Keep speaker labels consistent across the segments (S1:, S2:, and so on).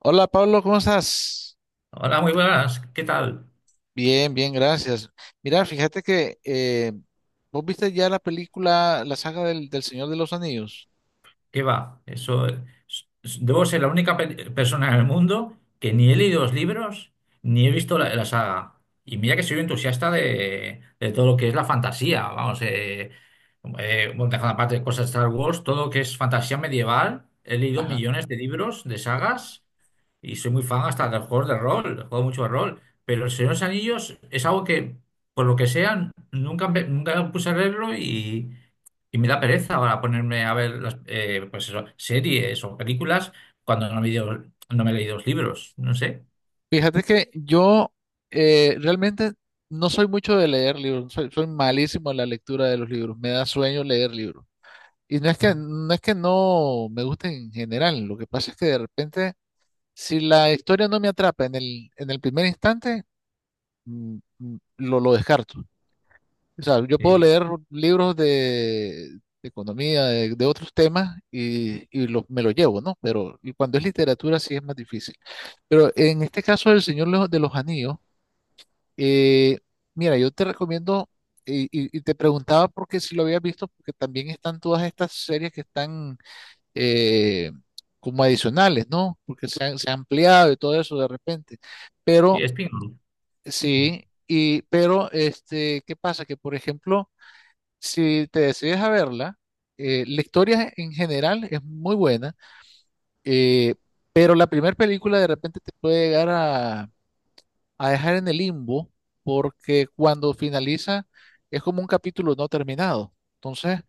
S1: Hola Pablo, ¿cómo estás?
S2: Hola, muy buenas. ¿Qué tal?
S1: Bien, bien, gracias. Mira, fíjate que vos viste ya la película, la saga del Señor de los Anillos.
S2: ¿Qué va? Eso, debo ser la única persona en el mundo que ni he leído los libros ni he visto la saga. Y mira que soy un entusiasta de todo lo que es la fantasía. Vamos, bueno, dejando aparte cosas de Star Wars, todo lo que es fantasía medieval. He leído
S1: Ajá.
S2: millones de libros, de sagas. Y soy muy fan hasta de los juegos de rol, juego mucho de rol. Pero El Señor de los Anillos es algo que, por lo que sea, nunca, nunca me puse a leerlo y me da pereza ahora ponerme a ver las, pues eso, series o películas cuando no me, no me he leído los libros, no sé.
S1: Fíjate que yo realmente no soy mucho de leer libros, soy malísimo en la lectura de los libros, me da sueño leer libros. Y no es que,
S2: Sí,
S1: no es que no me guste en general, lo que pasa es que de repente, si la historia no me atrapa en el primer instante, lo descarto. O sea, yo puedo
S2: sí,
S1: leer libros de economía, de otros temas y me lo llevo, ¿no? Pero y cuando es literatura sí es más difícil. Pero en este caso del Señor de los Anillos, eh, mira, yo te recomiendo, y te preguntaba porque si lo habías visto, porque también están todas estas series que están eh, como adicionales, ¿no? Porque se ha ampliado y todo eso de repente. Pero
S2: es pingüino.
S1: sí, y, pero este, ¿qué pasa? Que por ejemplo si te decides a verla, la historia en general es muy buena, eh, pero la primera película de repente te puede llegar a dejar en el limbo porque cuando finaliza es como un capítulo no terminado. Entonces,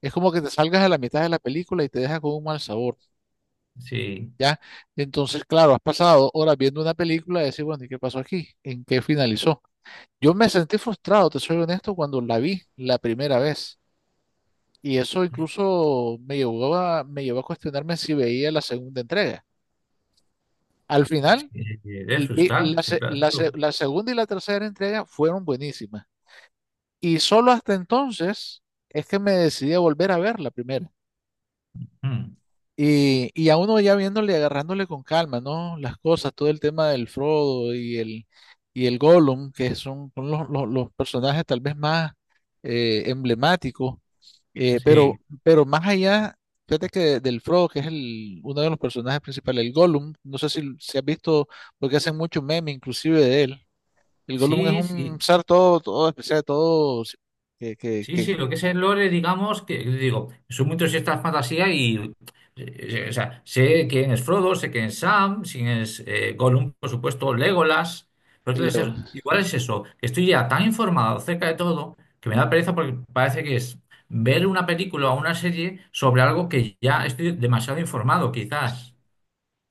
S1: es como que te salgas a la mitad de la película y te deja con un mal sabor,
S2: Sí,
S1: ¿ya? Entonces, claro, has pasado horas viendo una película y decir, bueno, ¿y qué pasó aquí? ¿En qué finalizó? Yo me sentí frustrado, te soy honesto, cuando la vi la primera vez. Y eso incluso me llevó a cuestionarme si veía la segunda entrega. Al
S2: es
S1: final,
S2: que debe
S1: vi
S2: frustrar,
S1: la,
S2: sí,
S1: se-
S2: claro.
S1: la se- la segunda y la tercera entrega fueron buenísimas. Y solo hasta entonces es que me decidí a volver a ver la primera.
S2: Mm.
S1: Y a uno ya viéndole, agarrándole con calma, ¿no? Las cosas, todo el tema del Frodo y el Gollum, que son los, los personajes tal vez más emblemáticos, eh, pero,
S2: Sí,
S1: pero más allá, fíjate que del Frodo, que es uno de los personajes principales, el Gollum, no sé si has visto, porque hacen mucho meme inclusive de él, el Gollum es
S2: sí,
S1: un
S2: sí.
S1: ser todo, todo especial, todo que,
S2: Sí, sí,
S1: que,
S2: lo que es el lore, digamos, que digo, soy muy entusiasta de fantasía. O sea, sé quién es Frodo, sé quién es Sam, quién es Gollum, por supuesto, Legolas, pero
S1: que,
S2: es que igual es eso, que estoy ya tan informado acerca de todo que me da pereza porque parece que es ver una película o una serie sobre algo que ya estoy demasiado informado, quizás.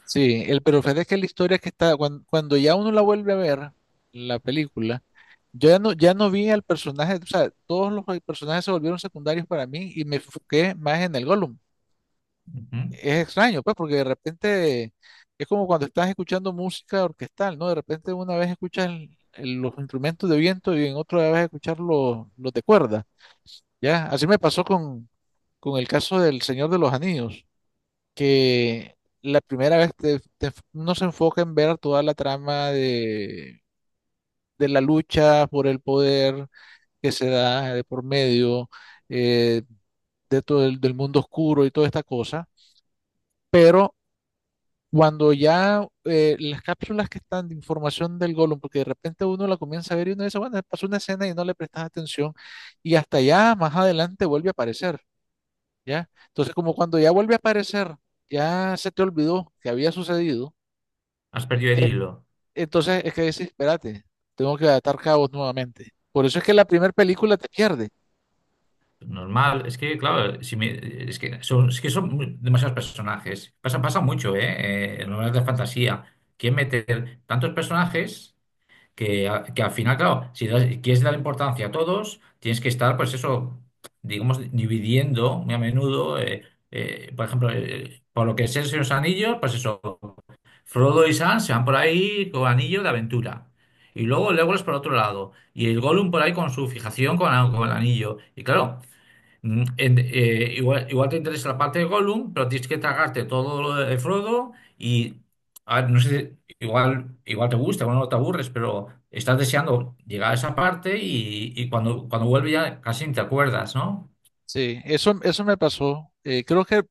S1: sí, el, pero fíjate que la historia que está, cuando ya uno la vuelve a ver, la película, yo ya no vi al personaje, o sea, todos los personajes se volvieron secundarios para mí y me enfoqué más en el Gollum.
S2: Ujú.
S1: Es extraño, pues, porque de repente es como cuando estás escuchando música orquestal, ¿no? De repente una vez escuchas los instrumentos de viento y en otra vez escuchas los de cuerda, ¿ya? Así me pasó con el caso del Señor de los Anillos que la primera vez no se enfoca en ver toda la trama de la lucha por el poder que se da de por medio, eh, de todo del mundo oscuro y toda esta cosa, pero cuando ya las cápsulas que están de información del Golem, porque de repente uno la comienza a ver y uno dice, bueno, pasó una escena y no le prestas atención y hasta ya más adelante vuelve a aparecer, ¿ya? Entonces como cuando ya vuelve a aparecer, ya se te olvidó que había sucedido
S2: Has perdido el
S1: e-
S2: hilo.
S1: entonces es que decís, espérate, tengo que atar cabos nuevamente. Por eso es que la primera película te pierde.
S2: Normal, es que, claro, si me- es que son demasiados personajes. Pasa, pasa mucho, ¿eh? En novelas de fantasía. Quieren meter tantos personajes que, que al final, claro, si das- quieres dar importancia a todos, tienes que estar, pues eso, digamos, dividiendo muy a menudo. Por ejemplo, por lo que es el Señor de los Anillos, pues eso, Frodo y Sam se van por ahí con anillo de aventura. Y luego Legolas por otro lado. Y el Gollum por ahí con su fijación con, con el anillo. Y claro. Igual, igual te interesa la parte de Gollum, pero tienes que tragarte todo lo de Frodo y a ver, no sé, igual, igual te gusta, igual no te aburres, pero estás deseando llegar a esa parte y cuando, cuando vuelve ya casi ni te acuerdas, ¿no?
S1: Sí, eso me pasó. Creo que,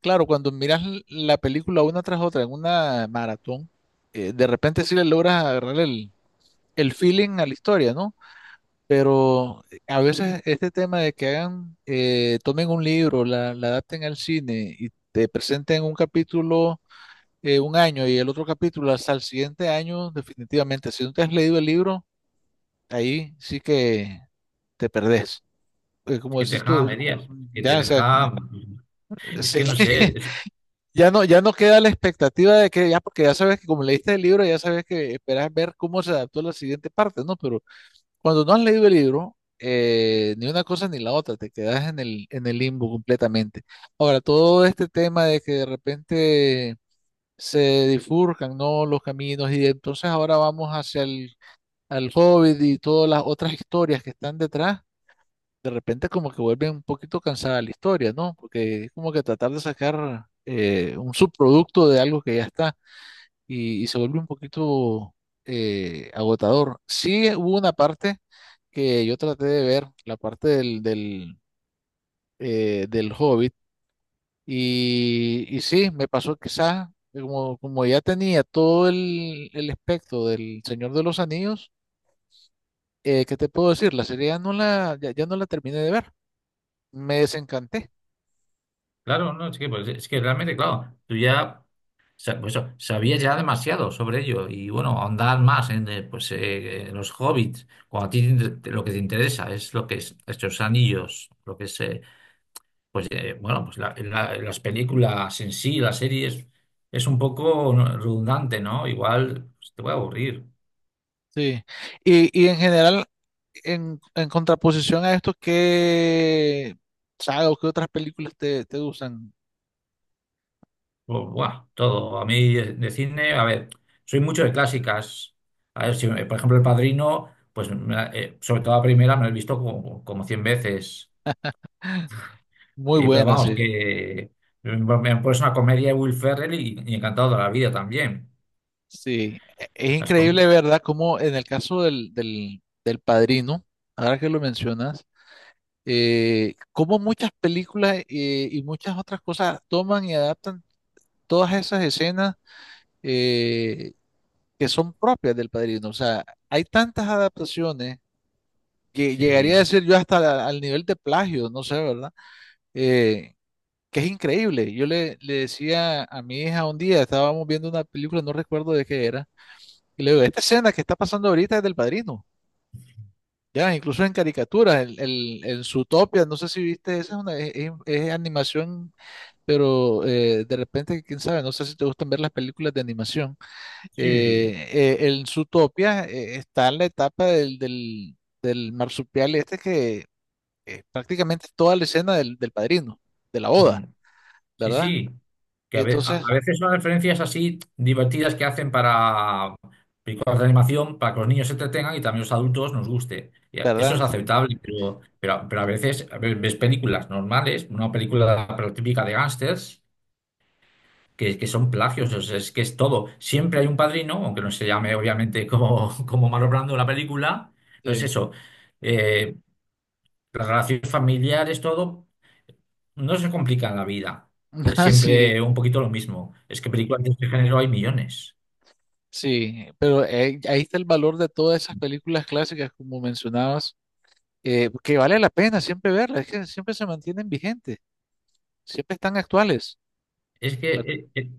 S1: claro, cuando miras la película una tras otra en una maratón, de repente sí le logras agarrar el feeling a la historia, ¿no? Pero a veces este tema de que tomen un libro, la adapten al cine y te presenten un capítulo un año y el otro capítulo hasta el siguiente año, definitivamente, si no te has leído el libro, ahí sí que te perdés. Porque
S2: Es
S1: como
S2: que te
S1: dices
S2: deja a
S1: tú,
S2: medias, es que te
S1: ya, o sea,
S2: deja, es
S1: sí que
S2: que no sé, es-
S1: ya no, ya no queda la expectativa de que ya, porque ya sabes que como leíste el libro, ya sabes que esperas ver cómo se adaptó a la siguiente parte, ¿no? Pero cuando no has leído el libro, ni una cosa ni la otra, te quedas en el limbo completamente. Ahora, todo este tema de que de repente se difurcan, ¿no? Los caminos y entonces ahora vamos hacia el al Hobbit y todas las otras historias que están detrás de repente como que vuelve un poquito cansada la historia, ¿no? Porque es como que tratar de sacar un subproducto de algo que ya está y se vuelve un poquito agotador. Sí hubo una parte que yo traté de ver, la parte del Hobbit, y sí, me pasó quizás, como ya tenía todo el espectro del Señor de los Anillos, ¿qué te puedo decir? La serie ya no la terminé de ver, me desencanté.
S2: Claro, no, es que, pues, es que realmente, claro, tú ya. Pues eso, sabía ya demasiado sobre ello y bueno, ahondar más en en los hobbits, cuando a ti lo que te interesa es lo que es estos anillos, lo que es, bueno, pues las películas en sí, las series, es un poco redundante, ¿no? Igual pues, te voy a aburrir.
S1: Sí, y en general, en contraposición a esto, ¿qué saga o qué otras películas te gustan?
S2: Buah, todo. A mí de cine, a ver, soy mucho de clásicas. A ver, si, por ejemplo, El Padrino, pues sobre todo la primera me la he visto como, como 100 veces.
S1: Muy
S2: Pero
S1: buenas,
S2: vamos,
S1: sí.
S2: que me han puesto una comedia de Will Ferrell y encantado de la vida también.
S1: Sí, es
S2: Las
S1: increíble,
S2: com-
S1: ¿verdad? Como en el caso del Padrino, ahora que lo mencionas, cómo muchas películas y muchas otras cosas toman y adaptan todas esas escenas, eh, que son propias del Padrino. O sea, hay tantas adaptaciones que llegaría a
S2: sí,
S1: decir yo hasta al nivel de plagio, no sé, ¿verdad? Eh, que es increíble. Yo le decía a mi hija un día, estábamos viendo una película, no recuerdo de qué era, y le digo, esta escena que está pasando ahorita es del Padrino, ya, incluso en caricaturas, el Zootopia, no sé si viste, esa es una, es animación, pero de repente, quién sabe, no sé si te gustan ver las películas de animación.
S2: sí,
S1: El Zootopia, está en la etapa del marsupial este que prácticamente toda la escena del padrino, de la
S2: mm,
S1: boda,
S2: sí,
S1: ¿verdad?
S2: sí. Que
S1: Y
S2: a, a
S1: entonces,
S2: veces son referencias así divertidas que hacen para películas de animación, para que los niños se entretengan y también los adultos nos guste. Eso es
S1: ¿verdad? Sí,
S2: aceptable, pero a veces ves películas normales, una película pero típica de gángsters que son plagios, o sea, es que es todo. Siempre hay un padrino, aunque no se llame obviamente como, como Marlon Brando en la película, pero es
S1: sí.
S2: eso. Eh, las relaciones familiares, todo, no se complica en la vida. Es
S1: Ah, sí,
S2: siempre un poquito lo mismo. Es que películas de este género hay millones.
S1: sí, pero ahí está el valor de todas esas películas clásicas, como mencionabas, que vale la pena siempre verlas, es que siempre se mantienen vigentes, siempre están actuales,
S2: Es que
S1: ¿verdad?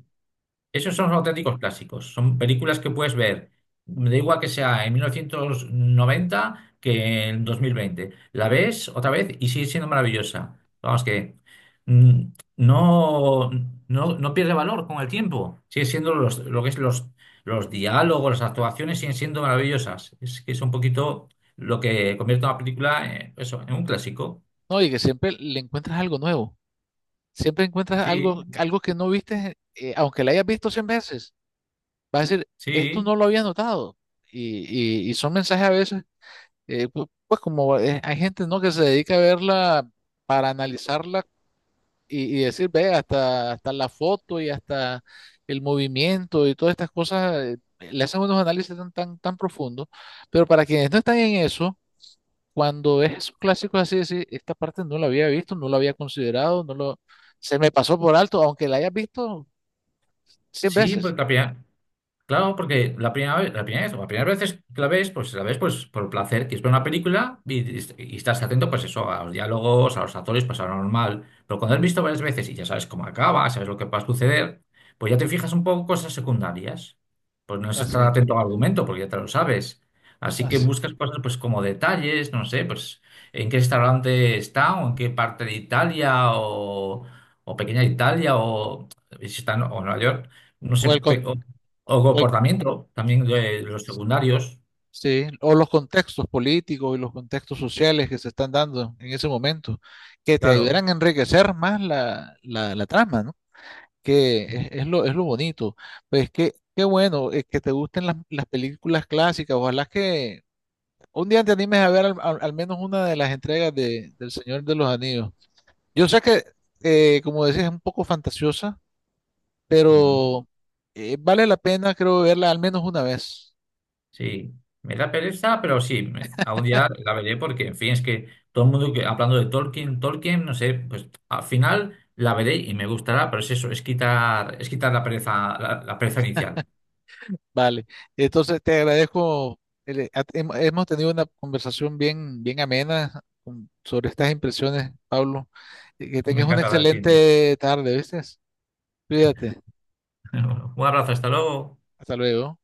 S2: Esos son los auténticos clásicos. Son películas que puedes ver, me da igual que sea en 1990 que en 2020. La ves otra vez y sigue siendo maravillosa. Vamos que mm, no, no pierde valor con el tiempo. Sigue siendo lo que es los diálogos, las actuaciones siguen siendo maravillosas. Es que es un poquito lo que convierte una película eso, en un clásico.
S1: No, y que siempre le encuentras algo nuevo, siempre encuentras
S2: Sí,
S1: algo, algo que no viste, aunque la hayas visto 100 veces, vas a decir, esto
S2: sí,
S1: no lo había notado, y son mensajes a veces, pues como, hay gente, ¿no?, que se dedica a verla para analizarla y decir, ve, hasta, hasta la foto y hasta el movimiento y todas estas cosas, le hacen unos análisis tan, tan, tan profundos, pero para quienes no están en eso, cuando ves esos clásicos así, decir, esta parte no la había visto, no la había considerado, no lo, se me pasó por alto, aunque la hayas visto 100
S2: sí,
S1: veces.
S2: porque la primera- Claro, porque la primera vez, o la primera vez que la ves pues por placer, quieres ver una película y estás atento pues eso, a los diálogos, a los actores, pues a lo normal. Pero cuando has visto varias veces y ya sabes cómo acaba, sabes lo que va a suceder, pues ya te fijas un poco en cosas secundarias. Pues no es
S1: Así,
S2: estar
S1: es,
S2: atento al argumento porque ya te lo sabes. Así que
S1: así.
S2: buscas cosas pues como detalles, no sé, pues en qué restaurante está o en qué parte de Italia o pequeña Italia o si está en o Nueva York. No
S1: O el
S2: sé,
S1: con,
S2: o
S1: o el-
S2: comportamiento, también de los secundarios,
S1: Sí, o los contextos políticos y los contextos sociales que se están dando en ese momento, que te
S2: claro.
S1: ayudarán a enriquecer más la, la trama, ¿no? Que es, es lo bonito. Pues qué bueno, que te gusten las películas clásicas. Ojalá que un día te animes a ver al menos una de las entregas del Señor de los Anillos. Yo sé que, como decías, es un poco fantasiosa,
S2: Mm.
S1: pero vale la pena, creo, verla al menos una vez.
S2: Sí, me da pereza, pero sí, algún día la veré porque, en fin, es que todo el mundo que hablando de Tolkien, Tolkien, no sé, pues al final la veré y me gustará, pero es eso, es quitar la pereza, la pereza inicial.
S1: Vale, entonces te agradezco. Hemos tenido una conversación bien, bien amena, sobre estas impresiones, Pablo. Y que
S2: Me
S1: tengas una
S2: encanta hablar de cine.
S1: excelente tarde, ¿viste? Cuídate.
S2: Un abrazo, hasta luego.
S1: Hasta luego.